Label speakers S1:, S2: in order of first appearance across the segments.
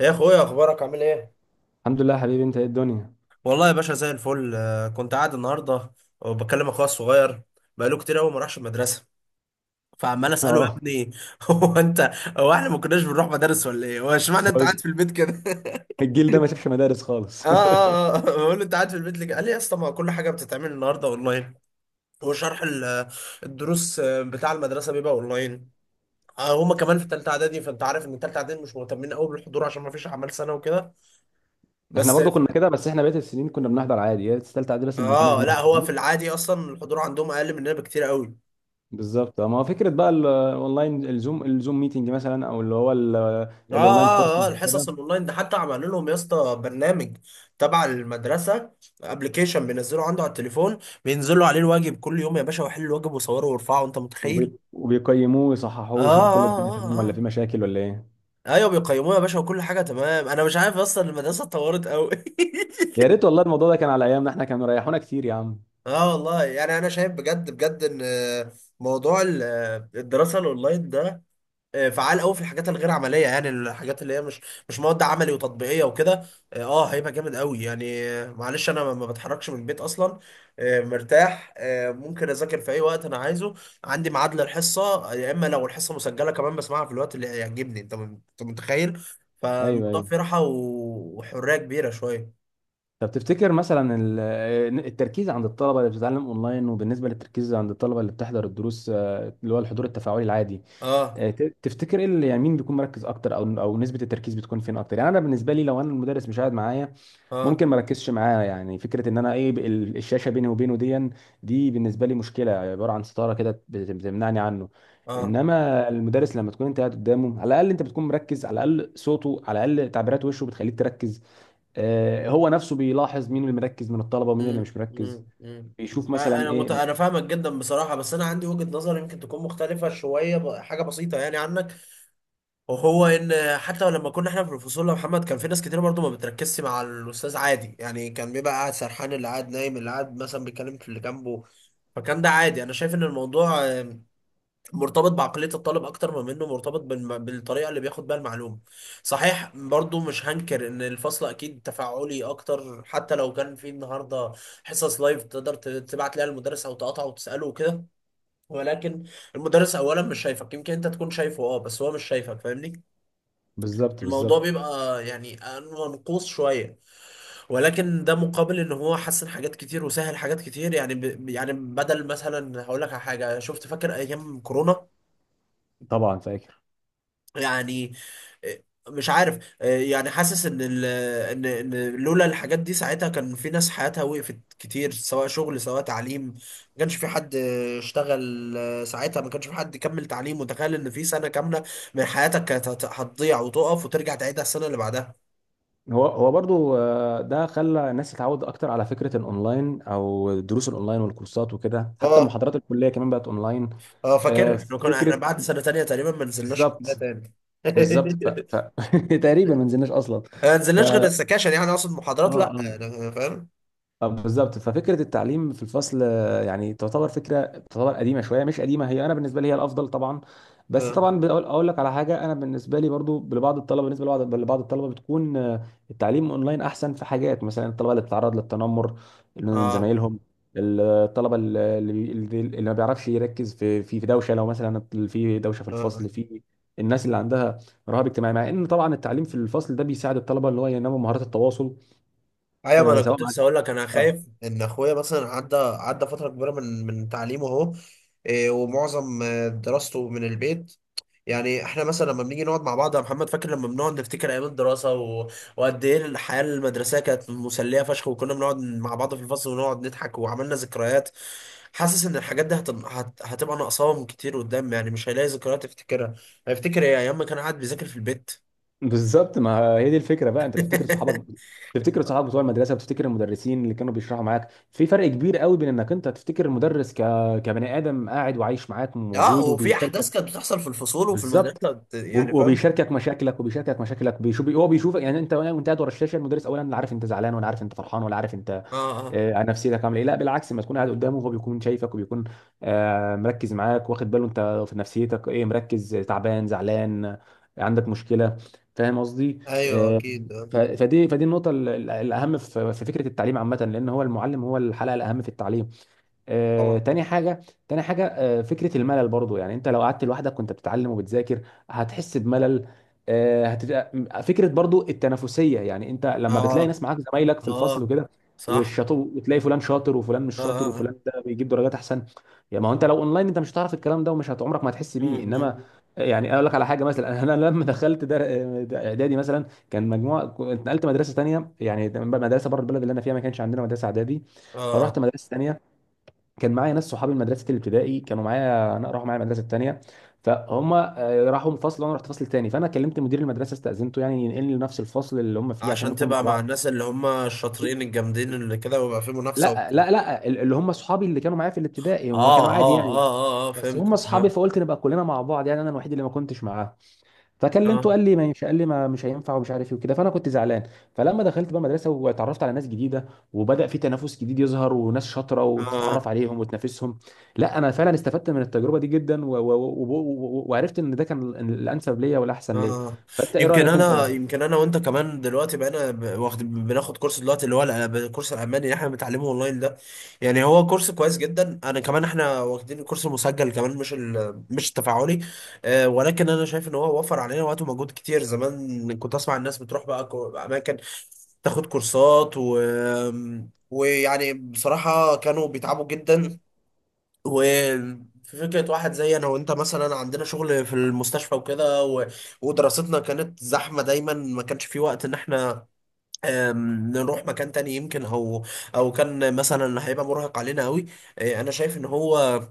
S1: يا اخويا، اخبارك عامل ايه؟
S2: الحمد لله، يا حبيبي، انت ايه الدنيا؟
S1: والله يا باشا زي الفل. كنت قاعد النهارده وبكلم اخويا الصغير، بقاله كتير قوي ما راحش المدرسه، فعمال اساله يا
S2: اه،
S1: ابني هو انت هو احنا ما كناش بنروح مدارس ولا ايه؟ هو اشمعنى انت
S2: هو
S1: قاعد في البيت كده؟
S2: الجيل ده ما شافش مدارس
S1: اه،
S2: خالص.
S1: اه، اه، بقول له انت قاعد في البيت ليه، قال لي يا اسطى ما كل حاجه بتتعمل النهارده اونلاين، وشرح الدروس، بتاع المدرسه بيبقى اونلاين. هما كمان في ثالثه اعدادي، فانت عارف ان ثالثه اعدادي مش مهتمين قوي بالحضور عشان ما فيش اعمال سنه وكده.
S2: احنا
S1: بس
S2: برضو كنا كده، بس احنا بقيت السنين كنا بنحضر عادي، هي الثالثه اعدادي بس اللي ما كناش
S1: اه، لا
S2: بنحضر.
S1: هو في العادي اصلا الحضور عندهم اقل مننا بكتير قوي.
S2: بالظبط، ما هو فكره بقى الاونلاين، الزوم ميتنج مثلا، او اللي هو
S1: اه،
S2: الاونلاين
S1: اه، اه،
S2: كورسز وكده.
S1: الحصص الاونلاين ده حتى عملوا لهم يا اسطى برنامج تبع المدرسه، ابلكيشن بينزلوا عنده على التليفون، بينزلوا عليه الواجب كل يوم يا باشا، ويحلوا الواجب ويصوروا ويرفعوا، انت متخيل؟
S2: وبيقيموه ويصححوه
S1: اه،
S2: ويشوفوا كل
S1: اه،
S2: الدنيا
S1: اه،
S2: تمام
S1: اه،
S2: ولا
S1: آه.
S2: في مشاكل ولا ايه؟
S1: ايوه بيقيموه يا باشا وكل حاجه تمام، انا مش عارف اصلا المدرسه اتطورت قوي
S2: يا ريت والله، الموضوع ده كان على ايامنا احنا كانوا ريحونا كتير يا عم.
S1: اه والله، يعني انا شايف بجد بجد ان موضوع الدراسه الاونلاين ده فعال قوي في الحاجات الغير عمليه، يعني الحاجات اللي هي مش مواد عملي وتطبيقيه وكده. اه، هيبقى جامد قوي يعني. معلش انا ما بتحركش من البيت اصلا، مرتاح، ممكن اذاكر في اي وقت انا عايزه، عندي ميعاد للحصه، يا اما لو الحصه مسجله كمان بسمعها في الوقت اللي يعجبني، انت متخيل؟
S2: ايوه،
S1: فالموضوع
S2: ايوه.
S1: فيه راحه وحريه كبيره شويه.
S2: طب تفتكر مثلا التركيز عند الطلبة اللي بتتعلم اونلاين، وبالنسبة للتركيز عند الطلبة اللي بتحضر الدروس، آه، اللي هو الحضور التفاعلي العادي
S1: اه،
S2: تفتكر ايه اللي يعني مين بيكون مركز اكتر، او نسبة التركيز بتكون فين اكتر؟ يعني انا بالنسبة لي لو انا المدرس مش قاعد معايا
S1: اه،
S2: ممكن ما اركزش معاه. يعني فكرة ان انا ايه، الشاشة بيني وبينه دي، دي بالنسبة لي مشكلة، عبارة عن ستارة كده بتمنعني عنه.
S1: اه.
S2: انما المدرس لما تكون انت قاعد قدامه، على الاقل انت بتكون مركز، على الاقل صوته، على الاقل تعبيرات وشه بتخليك تركز. هو نفسه بيلاحظ مين اللي مركز من الطلبه ومين اللي
S1: مم.
S2: مش مركز،
S1: مم. مم.
S2: بيشوف مثلا ايه.
S1: انا فاهمك جدا بصراحه، بس انا عندي وجهه نظر يمكن تكون مختلفه شويه حاجه بسيطه يعني عنك، وهو ان حتى لما كنا احنا في الفصول يا محمد، كان في ناس كتير برضو ما بتركزش مع الاستاذ عادي، يعني كان بيبقى قاعد سرحان، اللي قاعد نايم، اللي قاعد مثلا بيتكلم في اللي جنبه. فكان ده عادي، انا شايف ان الموضوع مرتبط بعقلية الطالب أكتر ما منه مرتبط بالطريقة اللي بياخد بيها المعلومة. صحيح برضو مش هنكر إن الفصل أكيد تفاعلي أكتر، حتى لو كان في النهاردة حصص لايف تقدر تبعت ليها المدرس أو تقاطعه وتسأله وكده، ولكن المدرس أولا مش شايفك، يمكن أنت تكون شايفه أه، بس هو مش شايفك، فاهمني؟
S2: بالظبط،
S1: الموضوع
S2: بالظبط.
S1: بيبقى يعني منقوص شوية، ولكن ده مقابل ان هو حسن حاجات كتير وسهل حاجات كتير، يعني يعني بدل مثلا هقول لك على حاجه شفت، فاكر ايام كورونا؟
S2: طبعا فاكر.
S1: يعني آه، مش عارف، يعني حاسس ان ال ان ان لولا الحاجات دي ساعتها كان في ناس حياتها وقفت كتير، سواء شغل سواء تعليم، ما كانش في حد اشتغل ساعتها، ما كانش في حد كمل تعليم، وتخيل ان في سنة كاملة من حياتك كانت هتضيع وتقف وترجع تعيدها السنة اللي بعدها.
S2: هو برضو، ده خلى الناس تتعود اكتر على فكره الاونلاين او الدروس الاونلاين والكورسات وكده، حتى
S1: اه،
S2: محاضرات الكليه كمان بقت اونلاين.
S1: اه،
S2: آه،
S1: فاكر احنا
S2: فكره.
S1: بعد سنة تانية تقريبا ما نزلناش كلها
S2: بالظبط.
S1: تاني
S2: بالظبط. تقريبا ما نزلناش اصلا.
S1: ما
S2: ف
S1: نزلناش غير
S2: اه
S1: السكاشن، يعني اقصد محاضرات، لا أنا-
S2: آه.
S1: أنا فاهم.
S2: اه بالظبط، ففكره التعليم في الفصل، يعني تعتبر فكره، تعتبر قديمه شويه، مش قديمه هي، انا بالنسبه لي هي الافضل طبعا. بس
S1: اه،
S2: طبعا اقول لك على حاجه، انا بالنسبه لي برضو، لبعض الطلبه، بالنسبه لبعض الطلبه بتكون التعليم اونلاين احسن في حاجات، مثلا الطلبه اللي بتتعرض للتنمر من زمايلهم، الطلبه اللي ما بيعرفش يركز في في دوشه، لو مثلا في دوشه في
S1: اه، آه.
S2: الفصل، في الناس اللي عندها رهاب اجتماعي. مع ان طبعا التعليم في الفصل ده بيساعد الطلبه اللي هو ينموا مهارات التواصل،
S1: ايوه، ما
S2: آه،
S1: انا
S2: سواء
S1: كنت
S2: مع
S1: لسه هقول لك، انا
S2: اه
S1: خايف ان اخويا مثلا عدى فتره كبيره من تعليمه اهو، إيه، ومعظم دراسته من البيت. يعني احنا مثلا لما بنيجي نقعد مع بعض يا محمد، فاكر لما بنقعد نفتكر ايام الدراسه وقد ايه الحياه المدرسيه كانت مسليه فشخ، وكنا بنقعد مع بعض في الفصل ونقعد نضحك وعملنا ذكريات. حاسس ان الحاجات دي هتبقى ناقصاهم كتير قدام، يعني مش هيلاقي ذكريات يفتكرها، هيفتكر ايه، ايام ما كان قاعد بيذاكر في البيت؟
S2: بالظبط. ما هي دي الفكره بقى، انت بتفتكر صحابك، تفتكر صحابك بتوع المدرسه، بتفتكر المدرسين اللي كانوا بيشرحوا معاك. في فرق كبير قوي بين انك انت تفتكر المدرس كبني ادم قاعد وعايش معاك،
S1: اه،
S2: موجود
S1: وفي
S2: وبيشاركك.
S1: احداث كانت بتحصل في الفصول وفي
S2: بالظبط.
S1: المدرسه يعني فاهم؟
S2: وبيشاركك مشاكلك، وبيشاركك مشاكلك، بيشوف هو بيشوفك، يعني انت وانت قاعد ورا الشاشه، المدرس اولا لا عارف انت زعلان، ولا عارف انت فرحان، ولا عارف انت
S1: اه، اه،
S2: عن نفسيتك عامله ايه. لا بالعكس، لما تكون قاعد قدامه، هو بيكون شايفك وبيكون مركز معاك، واخد باله انت في نفسيتك ايه، مركز، تعبان، زعلان، عندك مشكله. فاهم قصدي.
S1: ايوه
S2: آه،
S1: اكيد.
S2: فدي النقطه الاهم في فكره التعليم عامه، لان هو المعلم هو الحلقه الاهم في التعليم. آه،
S1: طبعا.
S2: تاني حاجة تاني حاجة، فكرة الملل برضو. يعني انت لو قعدت لوحدك وانت بتتعلم وبتذاكر هتحس بملل. آه، هتت... فكرة برضو التنافسية، يعني انت لما بتلاقي
S1: اه،
S2: ناس معاك زمايلك في الفصل
S1: اه،
S2: وكده،
S1: صح،
S2: والشاطر، وتلاقي فلان شاطر وفلان مش
S1: اه،
S2: شاطر،
S1: اه، اه.
S2: وفلان ده بيجيب درجات احسن. يعني ما هو انت لو اونلاين انت مش هتعرف الكلام ده، عمرك ما هتحس بيه.
S1: مم،
S2: انما
S1: مم.
S2: يعني اقول لك على حاجه مثلا، انا لما دخلت ده اعدادي مثلا كان مجموعه، كنت نقلت مدرسه تانيه، يعني مدرسه بره البلد، اللي انا فيها ما كانش عندنا مدرسه اعدادي.
S1: آه،
S2: فروحت مدرسه تانيه، كان معايا ناس صحابي من مدرسه الابتدائي كانوا معايا انا، راحوا معايا المدرسه الثانيه. فهم راحوا من فصل، وانا رحت فصل تاني، فانا كلمت مدير المدرسه، استاذنته يعني ينقلني لنفس الفصل اللي هم فيه عشان
S1: عشان
S2: نكون مع
S1: تبقى مع
S2: بعض.
S1: الناس اللي هم الشاطرين الجامدين اللي كده ويبقى في منافسة
S2: لا،
S1: وبتاع.
S2: لا، لا، اللي هم صحابي اللي كانوا معايا في الابتدائي هم كانوا
S1: اه، اه،
S2: عادي
S1: اه،
S2: يعني،
S1: اه، اه،
S2: بس
S1: فهمت،
S2: هم صحابي،
S1: اه،
S2: فقلت نبقى كلنا مع بعض، يعني انا الوحيد اللي ما كنتش معاهم. فكلمته
S1: اه،
S2: قال لي ما ينفع، قال لي ما مش هينفع ومش عارف ايه وكده، فانا كنت زعلان. فلما دخلت بقى مدرسه واتعرفت على ناس جديده، وبدا في تنافس جديد يظهر، وناس شاطره، وتتعرف
S1: اه،
S2: عليهم وتنافسهم. لا، انا فعلا استفدت من التجربه دي جدا، وعرفت ان ده كان الانسب ليا والاحسن ليا.
S1: اه،
S2: فانت ايه
S1: يمكن
S2: رايك
S1: انا
S2: انت؟
S1: يمكن انا وانت كمان دلوقتي بقينا ب- واخد بناخد كورس دلوقتي، اللي هو الكورس الالماني اللي احنا بنتعلمه اونلاين ده. يعني هو كورس كويس جدا، انا كمان احنا واخدين الكورس المسجل كمان، مش التفاعلي. ولكن انا شايف ان هو وفر علينا وقت ومجهود كتير، زمان كنت اسمع الناس بتروح بقى اماكن تاخد كورسات، ويعني بصراحة كانوا بيتعبوا جدا، وفي فكرة واحد زي أنا وأنت مثلا، عندنا شغل في المستشفى وكده ودراستنا كانت زحمة دايما، ما كانش في وقت إن إحنا نروح مكان تاني يمكن، أو كان مثلا هيبقى مرهق علينا أوي. أنا شايف إن هو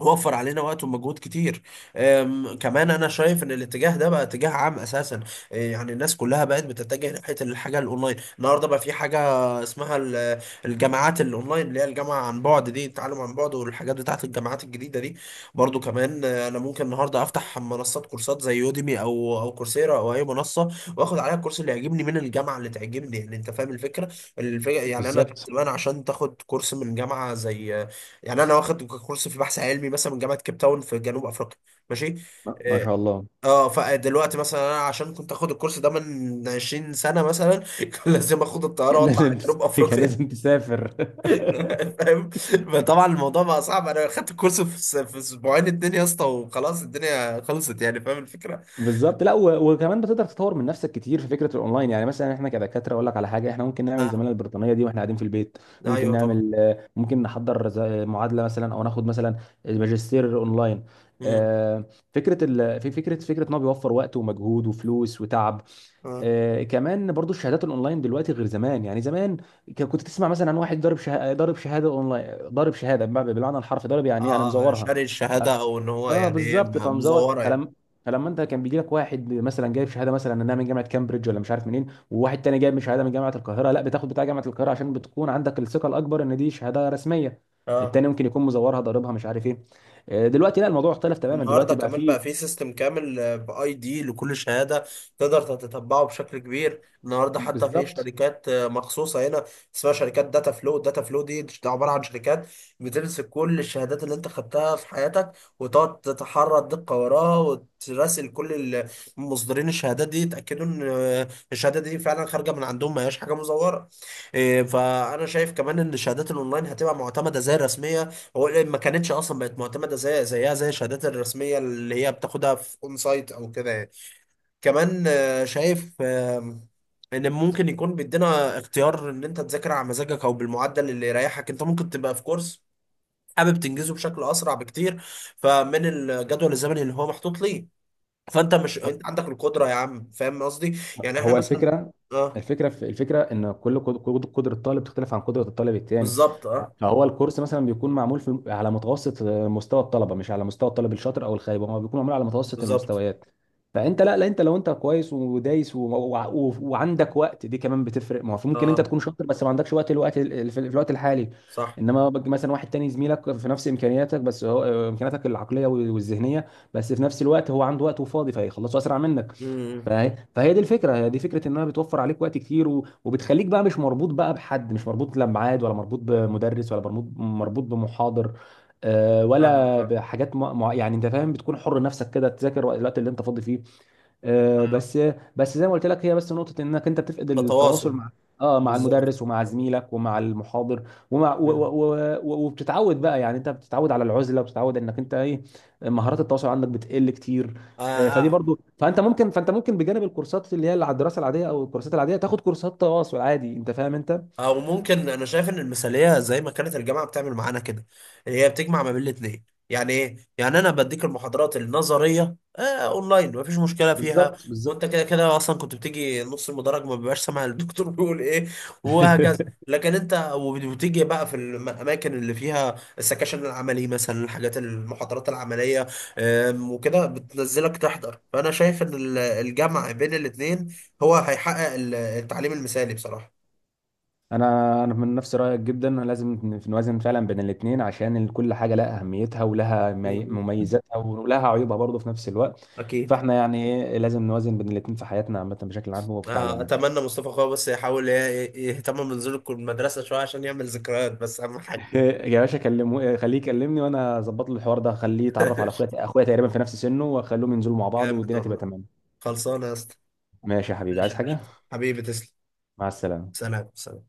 S1: وفر علينا وقت ومجهود كتير. كمان انا شايف ان الاتجاه ده بقى اتجاه عام اساسا، يعني الناس كلها بقت بتتجه ناحيه الحاجه الاونلاين، النهارده بقى في حاجه اسمها الجامعات الاونلاين، اللي هي الجامعه عن بعد دي، التعلم عن بعد والحاجات بتاعت الجامعات الجديده دي. برضو كمان انا ممكن النهارده افتح منصات كورسات زي يوديمي او كورسيرا او اي منصه، واخد عليها الكورس اللي يعجبني من الجامعه اللي تعجبني، يعني انت فاهم الفكره. الفكره يعني انا كنت
S2: بالظبط.
S1: زمان عشان تاخد كورس من جامعه زي، يعني انا واخد كورس في بحث علمي مثلا من جامعه كيب تاون في جنوب افريقيا. ماشي،
S2: ما شاء الله.
S1: اه، فدلوقتي مثلا انا عشان كنت اخد الكورس ده من 20 سنه مثلا كان لازم اخد الطياره
S2: كان
S1: واطلع على
S2: لازم
S1: جنوب
S2: كان لازم
S1: افريقيا
S2: تسافر.
S1: فاهم؟ فطبعا الموضوع بقى صعب، انا خدت الكورس في اسبوعين اتنين يا اسطى وخلاص الدنيا خلصت، يعني فاهم الفكره؟
S2: بالظبط. لا، وكمان بتقدر تطور من نفسك كتير في فكره الاونلاين، يعني مثلا احنا كدكاتره، اقول لك على حاجه، احنا ممكن نعمل الزماله
S1: آه.
S2: البريطانيه دي واحنا قاعدين في البيت. ممكن
S1: ايوه طبعا.
S2: نعمل آه، ممكن نحضر زي معادله مثلا، او ناخد مثلا الماجستير اونلاين.
S1: امم.
S2: آه، فكره ال... في فكره فكره ان هو بيوفر وقت ومجهود وفلوس وتعب.
S1: اه،
S2: كمان برضو، الشهادات الاونلاين دلوقتي غير زمان. يعني زمان كنت تسمع مثلا عن واحد ضارب شهاده، ضارب شهاده اونلاين، ضارب شهاده بمعنى، بالمعنى الحرفي ضارب يعني إيه؟ يعني
S1: اه،
S2: مزورها.
S1: شاري
S2: ف-
S1: الشهاده، او ان هو
S2: اه
S1: يعني ايه،
S2: بالظبط، فمزور.
S1: مزوره يعني.
S2: فلما انت كان بيجي لك واحد مثلا جايب شهاده، مثلا انها من جامعه كامبريدج ولا مش عارف منين، وواحد تاني جايب شهاده من جامعه القاهره، لا، بتاخد بتاع جامعه القاهره، عشان بتكون عندك الثقه الاكبر ان دي شهاده رسميه.
S1: اه،
S2: التاني ممكن يكون مزورها، ضاربها، مش عارف ايه. دلوقتي لا، الموضوع اختلف تماما،
S1: النهارده
S2: دلوقتي بقى
S1: كمان بقى
S2: فيه.
S1: في سيستم كامل باي دي لكل شهاده، تقدر تتتبعه بشكل كبير، النهارده حتى في
S2: بالظبط.
S1: شركات مخصوصه هنا اسمها شركات داتا فلو، داتا فلو ده عباره عن شركات بتمسك كل الشهادات اللي انت خدتها في حياتك، وتقعد تتحرى الدقه وراها وتراسل كل مصدرين الشهادات دي يتاكدوا ان الشهاده دي فعلا خارجه من عندهم، ما هياش حاجه مزوره. فانا شايف كمان ان الشهادات الاونلاين هتبقى معتمده زي الرسميه، هو ليه ما كانتش اصلا بقت معتمده زي الشهادات الرسميه اللي هي بتاخدها في اون سايت او كده يعني. كمان شايف ان ممكن يكون بيدينا اختيار ان انت تذاكر على مزاجك او بالمعدل اللي يريحك، انت ممكن تبقى في كورس حابب تنجزه بشكل اسرع بكتير فمن الجدول الزمني اللي هو محطوط ليه، فانت مش، انت عندك القدره يا عم، فاهم قصدي؟ يعني احنا
S2: هو
S1: مثلا،
S2: الفكره،
S1: اه
S2: الفكره في الفكره ان كل قدره طالب تختلف عن قدره الطالب التاني.
S1: بالظبط، اه
S2: فهو الكورس مثلا بيكون معمول على متوسط مستوى الطلبه، مش على مستوى الطالب الشاطر او الخايب، هو بيكون معمول على متوسط
S1: بالظبط،
S2: المستويات. فانت، لا، لا، انت لو انت كويس ودايس وعندك وقت، دي كمان بتفرق. ما هو ممكن انت
S1: اه
S2: تكون شاطر بس ما عندكش وقت، في الوقت الحالي.
S1: صح،
S2: انما مثلا واحد تاني زميلك في نفس امكانياتك، بس هو امكانياتك العقليه والذهنيه، بس في نفس الوقت هو عنده وقت وفاضي فيخلصه اسرع منك.
S1: امم،
S2: فهي دي الفكره، هي دي فكره انها بتوفر عليك وقت كتير، وبتخليك بقى مش مربوط بقى بحد، مش مربوط لا بميعاد، ولا مربوط بمدرس، ولا مربوط بمحاضر،
S1: فاهمك.
S2: ولا
S1: آه.
S2: بحاجات يعني انت فاهم، بتكون حر نفسك كده، تذاكر الوقت اللي انت فاضي فيه. بس. بس زي ما قلت لك، هي بس نقطة انك انت بتفقد التواصل
S1: تواصل،
S2: مع
S1: بالظبط،
S2: المدرس، ومع زميلك، ومع المحاضر. ومع و... و... و... وبتتعود بقى، يعني انت بتتعود على العزلة، وبتتعود انك انت ايه، مهارات التواصل عندك بتقل كتير.
S1: آه،
S2: فدي
S1: آه،
S2: برضو، فانت ممكن، بجانب الكورسات اللي هي على الدراسة العادية او الكورسات العادية، تاخد كورسات تواصل عادي، انت فاهم انت.
S1: او ممكن، انا شايف ان المثاليه زي ما كانت الجامعه بتعمل معانا كده، اللي هي بتجمع ما بين الاثنين، يعني ايه، يعني انا بديك المحاضرات النظريه اونلاين مفيش مشكله فيها،
S2: بالظبط،
S1: وانت
S2: بالظبط.
S1: كده كده اصلا كنت بتيجي نص المدرج ما بيبقاش سامع الدكتور بيقول ايه، وهكذا. لكن انت وبتيجي بقى في الاماكن اللي فيها السكاشن العملي، مثلا الحاجات المحاضرات العمليه، وكده بتنزلك تحضر. فانا شايف ان الجمع بين الاثنين هو هيحقق التعليم المثالي بصراحه.
S2: انا من نفس رايك جدا، لازم نوازن فعلا بين الاثنين، عشان كل حاجه لها اهميتها، ولها
S1: مم.
S2: مميزاتها، ولها عيوبها برضه في نفس الوقت.
S1: اكيد.
S2: فاحنا يعني ايه، لازم نوازن بين الاثنين في حياتنا عامه بشكل عام، وفي تعليمنا.
S1: اتمنى مصطفى اخويا بس يحاول يهتم بنزول المدرسه شويه عشان يعمل ذكريات بس اهم حاجه
S2: إيه يا باشا، كلمه، إيه، خليه يكلمني وانا اظبط له الحوار ده، خليه يتعرف على اخويا، اخويا تقريبا في نفس سنه، واخليهم ينزلوا مع بعض
S1: جامد
S2: والدنيا تبقى
S1: والله،
S2: تمام.
S1: خلصانه يا اسطى.
S2: ماشي يا حبيبي،
S1: ماشي
S2: عايز
S1: يا
S2: حاجه؟
S1: باشا. حبيبي تسلم.
S2: مع السلامه.
S1: سلام سلام.